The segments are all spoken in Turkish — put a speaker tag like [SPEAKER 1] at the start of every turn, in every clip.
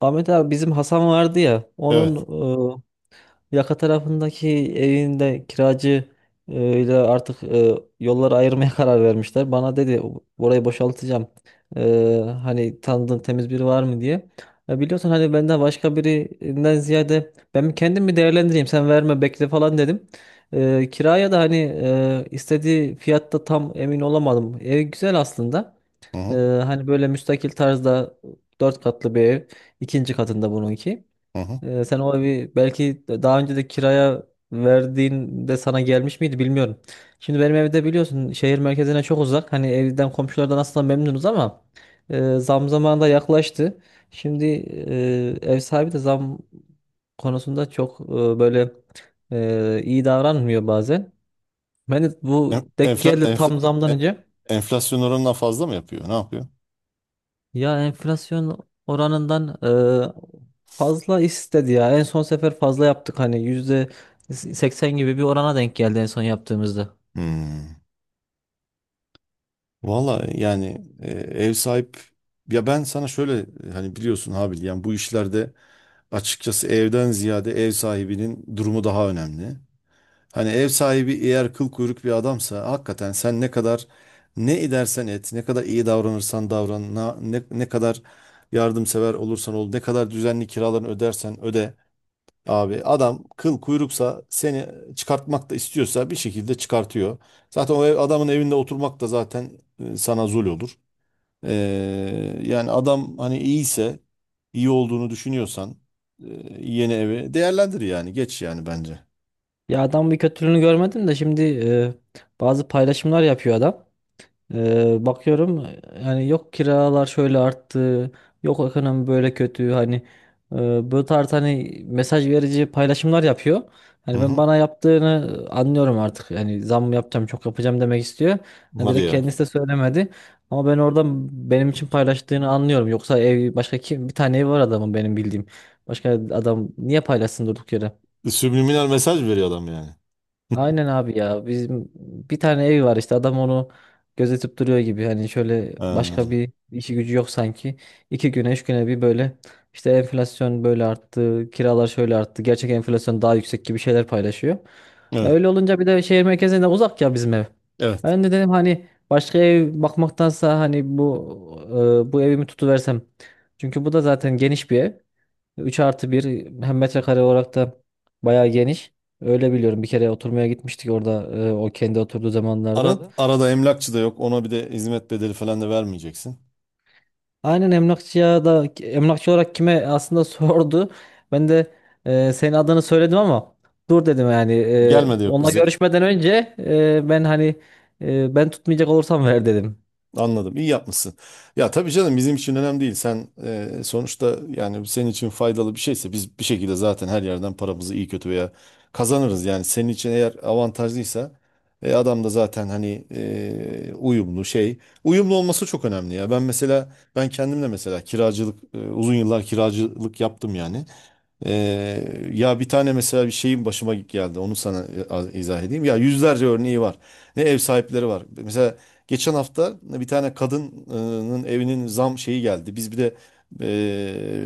[SPEAKER 1] Ahmet abi bizim Hasan vardı ya onun
[SPEAKER 2] Evet.
[SPEAKER 1] yaka tarafındaki evinde kiracı ile artık yolları ayırmaya karar vermişler. Bana dedi orayı boşaltacağım. E, hani tanıdığın temiz biri var mı diye. Ya biliyorsun hani benden başka birinden ziyade ben kendim mi değerlendireyim sen verme bekle falan dedim. Kiraya da hani istediği fiyatta tam emin olamadım. Ev güzel aslında.
[SPEAKER 2] Hı
[SPEAKER 1] Ee,
[SPEAKER 2] hı.
[SPEAKER 1] hani böyle müstakil tarzda 4 katlı bir ev. İkinci katında bununki.
[SPEAKER 2] Hı hı.
[SPEAKER 1] Sen o evi belki daha önce de kiraya verdiğinde sana gelmiş miydi bilmiyorum. Şimdi benim evde biliyorsun şehir merkezine çok uzak. Hani evden komşulardan aslında memnunuz ama zam zamanı da yaklaştı. Şimdi ev sahibi de zam konusunda çok böyle iyi davranmıyor bazen. Ben de bu
[SPEAKER 2] En-
[SPEAKER 1] denk
[SPEAKER 2] Enfla,
[SPEAKER 1] geldi
[SPEAKER 2] enfla,
[SPEAKER 1] tam zamdan
[SPEAKER 2] e-
[SPEAKER 1] önce.
[SPEAKER 2] Enflasyon oranından fazla mı yapıyor? Ne yapıyor?
[SPEAKER 1] Ya enflasyon oranından fazla istedi ya. En son sefer fazla yaptık hani %80 gibi bir orana denk geldi en son yaptığımızda.
[SPEAKER 2] Hmm. Valla yani e, ev sahip ya ben sana şöyle, hani biliyorsun Habil, yani bu işlerde açıkçası evden ziyade ev sahibinin durumu daha önemli. Hani ev sahibi eğer kıl kuyruk bir adamsa, hakikaten sen ne kadar ne edersen et, ne kadar iyi davranırsan davran, ne kadar yardımsever olursan ol, ne kadar düzenli kiralarını ödersen öde. Abi adam kıl kuyruksa seni çıkartmak da istiyorsa bir şekilde çıkartıyor. Zaten o adamın evinde oturmak da zaten sana zul olur. Yani adam hani iyiyse, iyi olduğunu düşünüyorsan, e, yeni evi değerlendir yani, geç yani bence.
[SPEAKER 1] Ya adam bir kötülüğünü görmedim de şimdi bazı paylaşımlar yapıyor adam. Bakıyorum yani yok kiralar şöyle arttı, yok ekonomi böyle kötü hani bu tarz hani mesaj verici paylaşımlar yapıyor.
[SPEAKER 2] Hı
[SPEAKER 1] Hani ben
[SPEAKER 2] hı.
[SPEAKER 1] bana yaptığını anlıyorum artık. Yani zam yapacağım, çok yapacağım demek istiyor. Yani
[SPEAKER 2] Hadi
[SPEAKER 1] direkt
[SPEAKER 2] ya.
[SPEAKER 1] kendisi de söylemedi. Ama ben oradan benim için paylaştığını anlıyorum. Yoksa ev başka kim bir tane ev var adamın benim bildiğim. Başka adam niye paylaşsın durduk yere?
[SPEAKER 2] Subliminal mesaj veriyor adam yani.
[SPEAKER 1] Aynen abi ya. Bizim bir tane evi var işte adam onu gözetip duruyor gibi. Hani şöyle
[SPEAKER 2] Ha.
[SPEAKER 1] başka bir işi gücü yok sanki. 2 güne 3 güne bir böyle işte enflasyon böyle arttı, kiralar şöyle arttı, gerçek enflasyon daha yüksek gibi şeyler paylaşıyor. Ya
[SPEAKER 2] Evet.
[SPEAKER 1] öyle olunca bir de şehir merkezinde uzak ya bizim ev.
[SPEAKER 2] Evet.
[SPEAKER 1] Ben de dedim hani başka ev bakmaktansa hani bu evimi tutuversem. Çünkü bu da zaten geniş bir ev. 3+1, hem metrekare olarak da bayağı geniş. Öyle biliyorum. Bir kere oturmaya gitmiştik orada o kendi oturduğu
[SPEAKER 2] Ara,
[SPEAKER 1] zamanlarda.
[SPEAKER 2] da arada emlakçı da yok. Ona bir de hizmet bedeli falan da vermeyeceksin.
[SPEAKER 1] Aynen emlakçıya da emlakçı olarak kime aslında sordu. Ben de senin adını söyledim ama dur dedim yani. E,
[SPEAKER 2] Gelme de yok
[SPEAKER 1] onunla
[SPEAKER 2] bize.
[SPEAKER 1] görüşmeden önce ben hani ben tutmayacak olursam ver dedim.
[SPEAKER 2] Anladım. İyi yapmışsın. Ya tabii canım, bizim için önemli değil. Sen, sonuçta yani senin için faydalı bir şeyse, biz bir şekilde zaten her yerden paramızı iyi kötü veya kazanırız. Yani senin için eğer avantajlıysa, adam da zaten hani uyumlu şey. Uyumlu olması çok önemli ya. Ben mesela, ben kendimle mesela kiracılık, uzun yıllar kiracılık yaptım yani. Ya bir tane mesela bir şeyin başıma geldi. Onu sana izah edeyim. Ya yüzlerce örneği var. Ne ev sahipleri var. Mesela geçen hafta bir tane kadının evinin zam şeyi geldi. Biz bir de,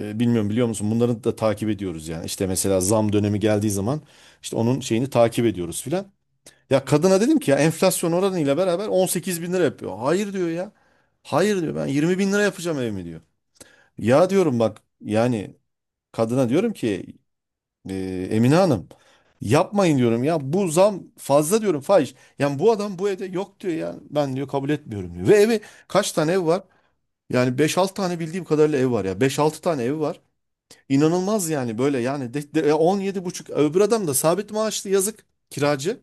[SPEAKER 2] bilmiyorum biliyor musun? Bunları da takip ediyoruz yani. İşte mesela zam dönemi geldiği zaman, işte onun şeyini takip ediyoruz filan. Ya kadına dedim ki, ya enflasyon oranıyla beraber 18 bin lira yapıyor. Hayır diyor ya. Hayır diyor, ben 20 bin lira yapacağım evimi diyor. Ya diyorum bak yani, kadına diyorum ki, Emine Hanım yapmayın diyorum ya, bu zam fazla diyorum, fahiş. Yani bu adam bu evde yok diyor ya, ben diyor kabul etmiyorum diyor. Ve evi kaç tane ev var? Yani beş 6 tane bildiğim kadarıyla ev var, ya beş altı tane ev var. İnanılmaz yani böyle, yani 17 buçuk, öbür adam da sabit maaşlı, yazık kiracı.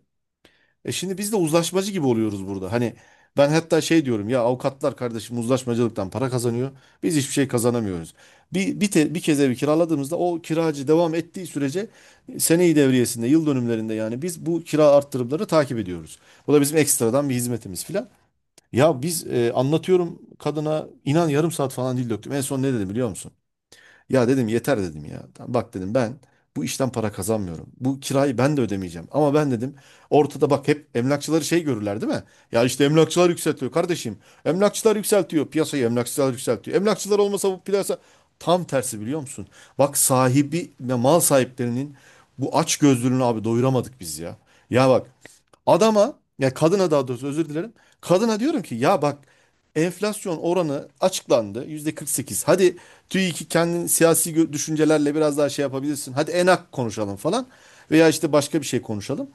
[SPEAKER 2] E şimdi biz de uzlaşmacı gibi oluyoruz burada. Hani ben hatta şey diyorum ya, avukatlar kardeşim uzlaşmacılıktan para kazanıyor. Biz hiçbir şey kazanamıyoruz. Bir kez evi kiraladığımızda, o kiracı devam ettiği sürece, seneyi devriyesinde, yıl dönümlerinde, yani biz bu kira arttırımları takip ediyoruz. Bu da bizim ekstradan bir hizmetimiz filan. Ya biz, anlatıyorum kadına, inan yarım saat falan dil döktüm. En son ne dedi biliyor musun? Ya dedim yeter dedim ya. "Tamam, bak dedim, ben bu işten para kazanmıyorum. Bu kirayı ben de ödemeyeceğim. Ama ben dedim, ortada bak hep emlakçıları şey görürler değil mi? Ya işte emlakçılar yükseltiyor kardeşim. Emlakçılar yükseltiyor. Piyasayı emlakçılar yükseltiyor. Emlakçılar olmasa bu piyasa tam tersi, biliyor musun? Bak sahibi ve mal sahiplerinin bu aç gözlülüğünü abi doyuramadık biz ya. Ya bak adama, ya kadına daha doğrusu, özür dilerim. Kadına diyorum ki, ya bak, enflasyon oranı açıklandı %48. Hadi TÜİK'i kendin siyasi düşüncelerle biraz daha şey yapabilirsin. Hadi enak konuşalım falan, veya işte başka bir şey konuşalım.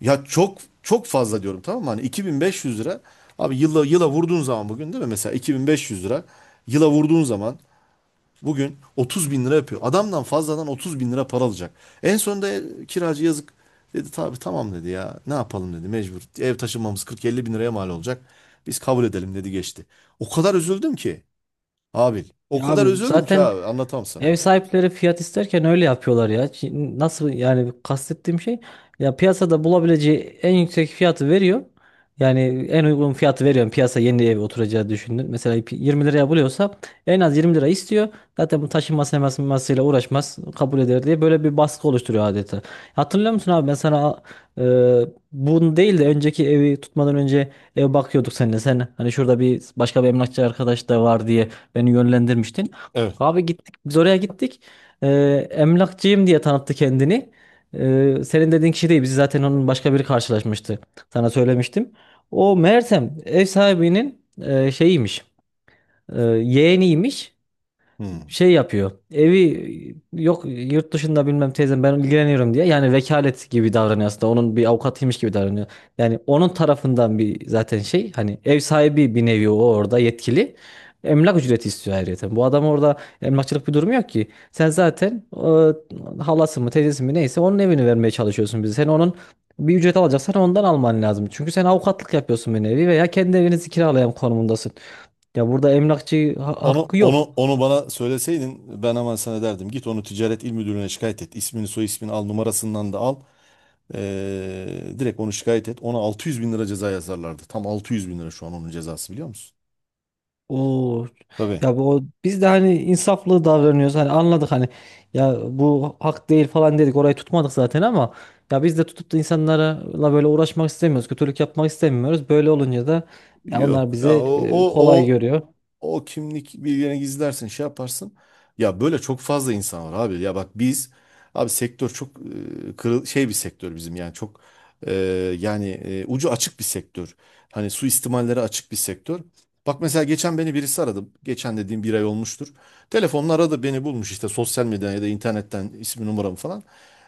[SPEAKER 2] Ya çok çok fazla diyorum, tamam mı? Hani 2500 lira abi, yıla yıla vurduğun zaman bugün değil mi? Mesela 2500 lira yıla vurduğun zaman bugün 30 bin lira yapıyor. Adamdan fazladan 30 bin lira para alacak. En sonunda, kiracı yazık dedi tabii, tamam dedi ya ne yapalım dedi, mecbur. Ev taşınmamız 40-50 bin liraya mal olacak. Biz kabul edelim dedi, geçti. O kadar üzüldüm ki abi, o
[SPEAKER 1] Ya
[SPEAKER 2] kadar
[SPEAKER 1] abi
[SPEAKER 2] üzüldüm ki
[SPEAKER 1] zaten
[SPEAKER 2] abi, anlatamam sana.
[SPEAKER 1] ev sahipleri fiyat isterken öyle yapıyorlar ya. Nasıl yani, kastettiğim şey ya piyasada bulabileceği en yüksek fiyatı veriyor. Yani en uygun fiyatı veriyorum piyasa yeni ev oturacağı düşündün. Mesela 20 liraya buluyorsa en az 20 lira istiyor. Zaten bu taşınması hemasıyla uğraşmaz kabul eder diye böyle bir baskı oluşturuyor adeta. Hatırlıyor musun abi ben sana e, bunu değil de önceki evi tutmadan önce ev bakıyorduk seninle. Sen hani şurada bir başka bir emlakçı arkadaş da var diye beni yönlendirmiştin.
[SPEAKER 2] Evet.
[SPEAKER 1] Abi biz oraya gittik. Ee, emlakçıyım diye tanıttı kendini. Senin dediğin kişi değil. Bizi zaten onun başka biri karşılaşmıştı. Sana söylemiştim. O Mersem ev sahibinin şeyiymiş. Yeğeniymiş
[SPEAKER 2] Hmm.
[SPEAKER 1] şey yapıyor. Evi yok yurt dışında bilmem teyzem ben ilgileniyorum diye. Yani vekalet gibi davranıyor aslında. Onun bir avukatıymış gibi davranıyor. Yani onun tarafından bir zaten şey hani ev sahibi bir nevi o orada yetkili. Emlak ücreti istiyor ayrıca. Bu adam orada emlakçılık bir durum yok ki. Sen zaten halası mı teyzesi mi neyse onun evini vermeye çalışıyorsun bize. Sen onun bir ücret alacaksan ondan alman lazım. Çünkü sen avukatlık yapıyorsun bir nevi veya kendi evinizi kiralayan konumundasın. Ya burada emlakçı
[SPEAKER 2] Onu
[SPEAKER 1] hakkı
[SPEAKER 2] onu
[SPEAKER 1] yok.
[SPEAKER 2] onu bana söyleseydin ben hemen sana derdim. Git onu Ticaret İl Müdürlüğü'ne şikayet et. İsmini, soy ismini al, numarasından da al. Direkt onu şikayet et. Ona 600 bin lira ceza yazarlardı. Tam 600 bin lira şu an onun cezası, biliyor musun?
[SPEAKER 1] O
[SPEAKER 2] Tabii.
[SPEAKER 1] ya bu o, biz de hani insaflı davranıyoruz, hani anladık hani, ya bu hak değil falan dedik, orayı tutmadık zaten ama ya biz de tutup da insanlarla böyle uğraşmak istemiyoruz, kötülük yapmak istemiyoruz, böyle olunca da ya onlar
[SPEAKER 2] Yok. Ya,
[SPEAKER 1] bizi
[SPEAKER 2] o, o,
[SPEAKER 1] kolay
[SPEAKER 2] o,
[SPEAKER 1] görüyor.
[SPEAKER 2] o kimlik bilgilerini gizlersin, şey yaparsın. Ya böyle çok fazla insan var abi. Ya bak biz, abi sektör çok, e, kırıl şey bir sektör bizim yani, çok, e, yani ucu açık bir sektör. Hani suistimallere açık bir sektör. Bak mesela geçen beni birisi aradı. Geçen dediğim bir ay olmuştur. Telefonla aradı, beni bulmuş işte sosyal medyadan ya da internetten ismi, numaramı falan.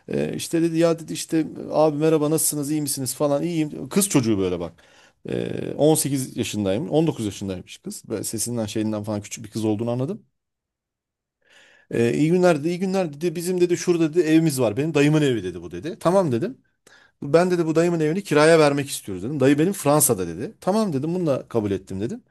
[SPEAKER 2] İşte dedi ya, dedi işte abi merhaba nasılsınız iyi misiniz falan, iyiyim. Kız çocuğu böyle bak. 18 yaşındayım. 19 yaşındaymış kız. Böyle sesinden şeyinden falan küçük bir kız olduğunu anladım. İyi günler dedi, iyi günler dedi. Bizim dedi şurada dedi evimiz var. Benim dayımın evi dedi bu dedi. Tamam dedim. Ben dedi bu dayımın evini kiraya vermek istiyoruz dedim. Dayı benim Fransa'da dedi. Tamam dedim, bununla kabul ettim dedim.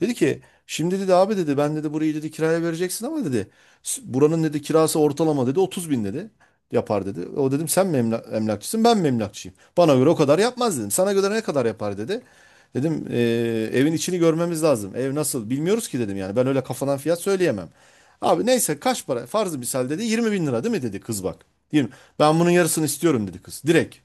[SPEAKER 2] Dedi ki, şimdi dedi abi dedi ben dedi burayı dedi kiraya vereceksin ama dedi, buranın dedi kirası ortalama dedi 30 bin dedi yapar dedi. O dedim sen mi emlakçısın ben mi emlakçıyım? Bana göre o kadar yapmaz dedim. Sana göre ne kadar yapar dedi. Dedim evin içini görmemiz lazım. Ev nasıl bilmiyoruz ki dedim, yani ben öyle kafadan fiyat söyleyemem. Abi neyse kaç para, farzı misal dedi 20 bin lira değil mi dedi kız bak. 20. Ben bunun yarısını istiyorum dedi kız, direkt.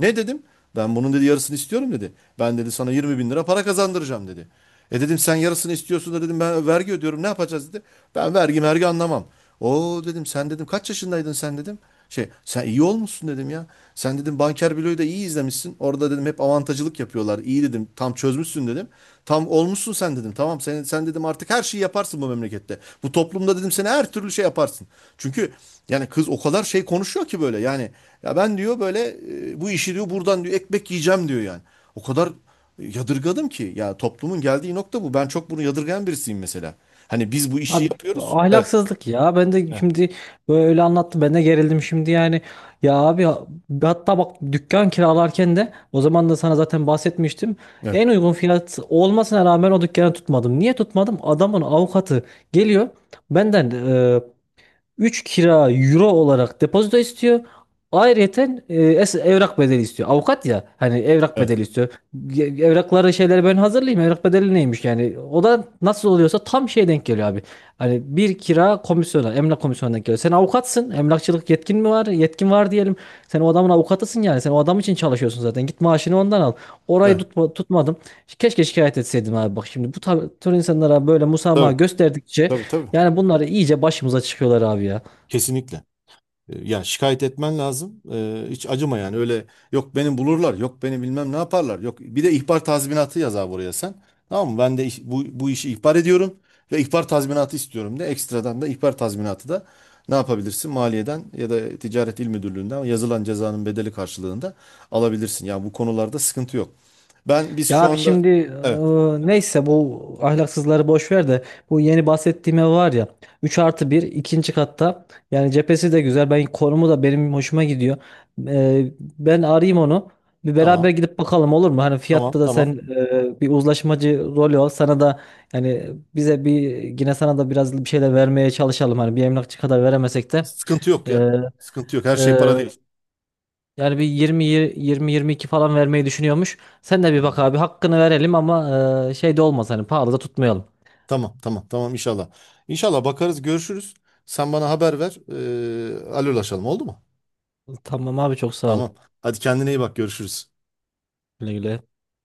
[SPEAKER 2] Ne dedim? Ben bunun dedi yarısını istiyorum dedi. Ben dedi sana 20 bin lira para kazandıracağım dedi. E dedim sen yarısını istiyorsun da dedim ben vergi ödüyorum, ne yapacağız dedi. Ben vergi vergi anlamam. O dedim sen dedim kaç yaşındaydın sen dedim. Şey, sen iyi olmuşsun dedim ya. Sen dedim Banker Bilo'yu da iyi izlemişsin. Orada dedim hep avantajcılık yapıyorlar. İyi dedim, tam çözmüşsün dedim. Tam olmuşsun sen dedim. Tamam sen, sen dedim artık her şeyi yaparsın bu memlekette. Bu toplumda dedim seni her türlü şey yaparsın. Çünkü yani kız o kadar şey konuşuyor ki böyle, yani ya ben diyor böyle, bu işi diyor buradan diyor ekmek yiyeceğim diyor yani. O kadar yadırgadım ki, ya toplumun geldiği nokta bu. Ben çok bunu yadırgayan birisiyim mesela. Hani biz bu işi
[SPEAKER 1] Abi
[SPEAKER 2] yapıyoruz. Evet.
[SPEAKER 1] ahlaksızlık ya. Ben de
[SPEAKER 2] Evet.
[SPEAKER 1] şimdi böyle anlattı. Ben de gerildim şimdi yani. Ya abi hatta bak dükkan kiralarken de o zaman da sana zaten bahsetmiştim. En
[SPEAKER 2] Evet.
[SPEAKER 1] uygun fiyat olmasına rağmen o dükkanı tutmadım. Niye tutmadım? Adamın avukatı geliyor benden. 3 kira euro olarak depozito istiyor. Ayrıyeten evrak bedeli istiyor. Avukat ya hani evrak bedeli
[SPEAKER 2] Evet.
[SPEAKER 1] istiyor. Evrakları şeyleri ben hazırlayayım. Evrak bedeli neymiş yani? O da nasıl oluyorsa tam şey denk geliyor abi. Hani bir kira komisyona, emlak komisyonuna denk geliyor. Sen avukatsın. Emlakçılık yetkin mi var? Yetkin var diyelim. Sen o adamın avukatısın yani. Sen o adam için çalışıyorsun zaten. Git maaşını ondan al. Orayı
[SPEAKER 2] Evet.
[SPEAKER 1] tutma, tutmadım. Keşke şikayet etseydim abi. Bak şimdi bu tür insanlara böyle musamaha
[SPEAKER 2] Tabii.
[SPEAKER 1] gösterdikçe
[SPEAKER 2] Tabii tabii.
[SPEAKER 1] yani bunlar iyice başımıza çıkıyorlar abi ya.
[SPEAKER 2] Kesinlikle. Ya şikayet etmen lazım. Hiç acıma yani. Öyle yok beni bulurlar, yok beni bilmem ne yaparlar. Yok bir de ihbar tazminatı yaz abi buraya sen. Tamam mı? Ben de bu işi ihbar ediyorum ve ihbar tazminatı istiyorum de, ekstradan da ihbar tazminatı da ne yapabilirsin? Maliyeden ya da Ticaret İl Müdürlüğü'nden yazılan cezanın bedeli karşılığında alabilirsin. Yani bu konularda sıkıntı yok. Biz
[SPEAKER 1] Ya
[SPEAKER 2] şu
[SPEAKER 1] abi
[SPEAKER 2] anda
[SPEAKER 1] şimdi
[SPEAKER 2] evet,
[SPEAKER 1] neyse bu ahlaksızları boş ver de bu yeni bahsettiğim ev var ya, 3+1, ikinci katta, yani cephesi de güzel, ben konumu da benim hoşuma gidiyor. Ben arayayım onu, bir beraber
[SPEAKER 2] tamam
[SPEAKER 1] gidip bakalım olur mu? Hani
[SPEAKER 2] tamam
[SPEAKER 1] fiyatta da
[SPEAKER 2] tamam.
[SPEAKER 1] sen bir uzlaşmacı rolü ol, sana da yani bize bir, yine sana da biraz bir şeyler vermeye çalışalım hani, bir emlakçı kadar veremesek de.
[SPEAKER 2] Sıkıntı yok ya.
[SPEAKER 1] E,
[SPEAKER 2] Sıkıntı yok. Her şey
[SPEAKER 1] e,
[SPEAKER 2] para değil.
[SPEAKER 1] yani bir 20, 20-22 falan vermeyi düşünüyormuş. Sen de bir bak
[SPEAKER 2] Hmm.
[SPEAKER 1] abi, hakkını verelim ama şey de olmaz hani, pahalı da tutmayalım.
[SPEAKER 2] Tamam tamam tamam inşallah. İnşallah bakarız, görüşürüz. Sen bana haber ver. Alırlaşalım, oldu mu?
[SPEAKER 1] Tamam abi, çok sağ ol.
[SPEAKER 2] Tamam. Hadi kendine iyi bak, görüşürüz.
[SPEAKER 1] Güle güle.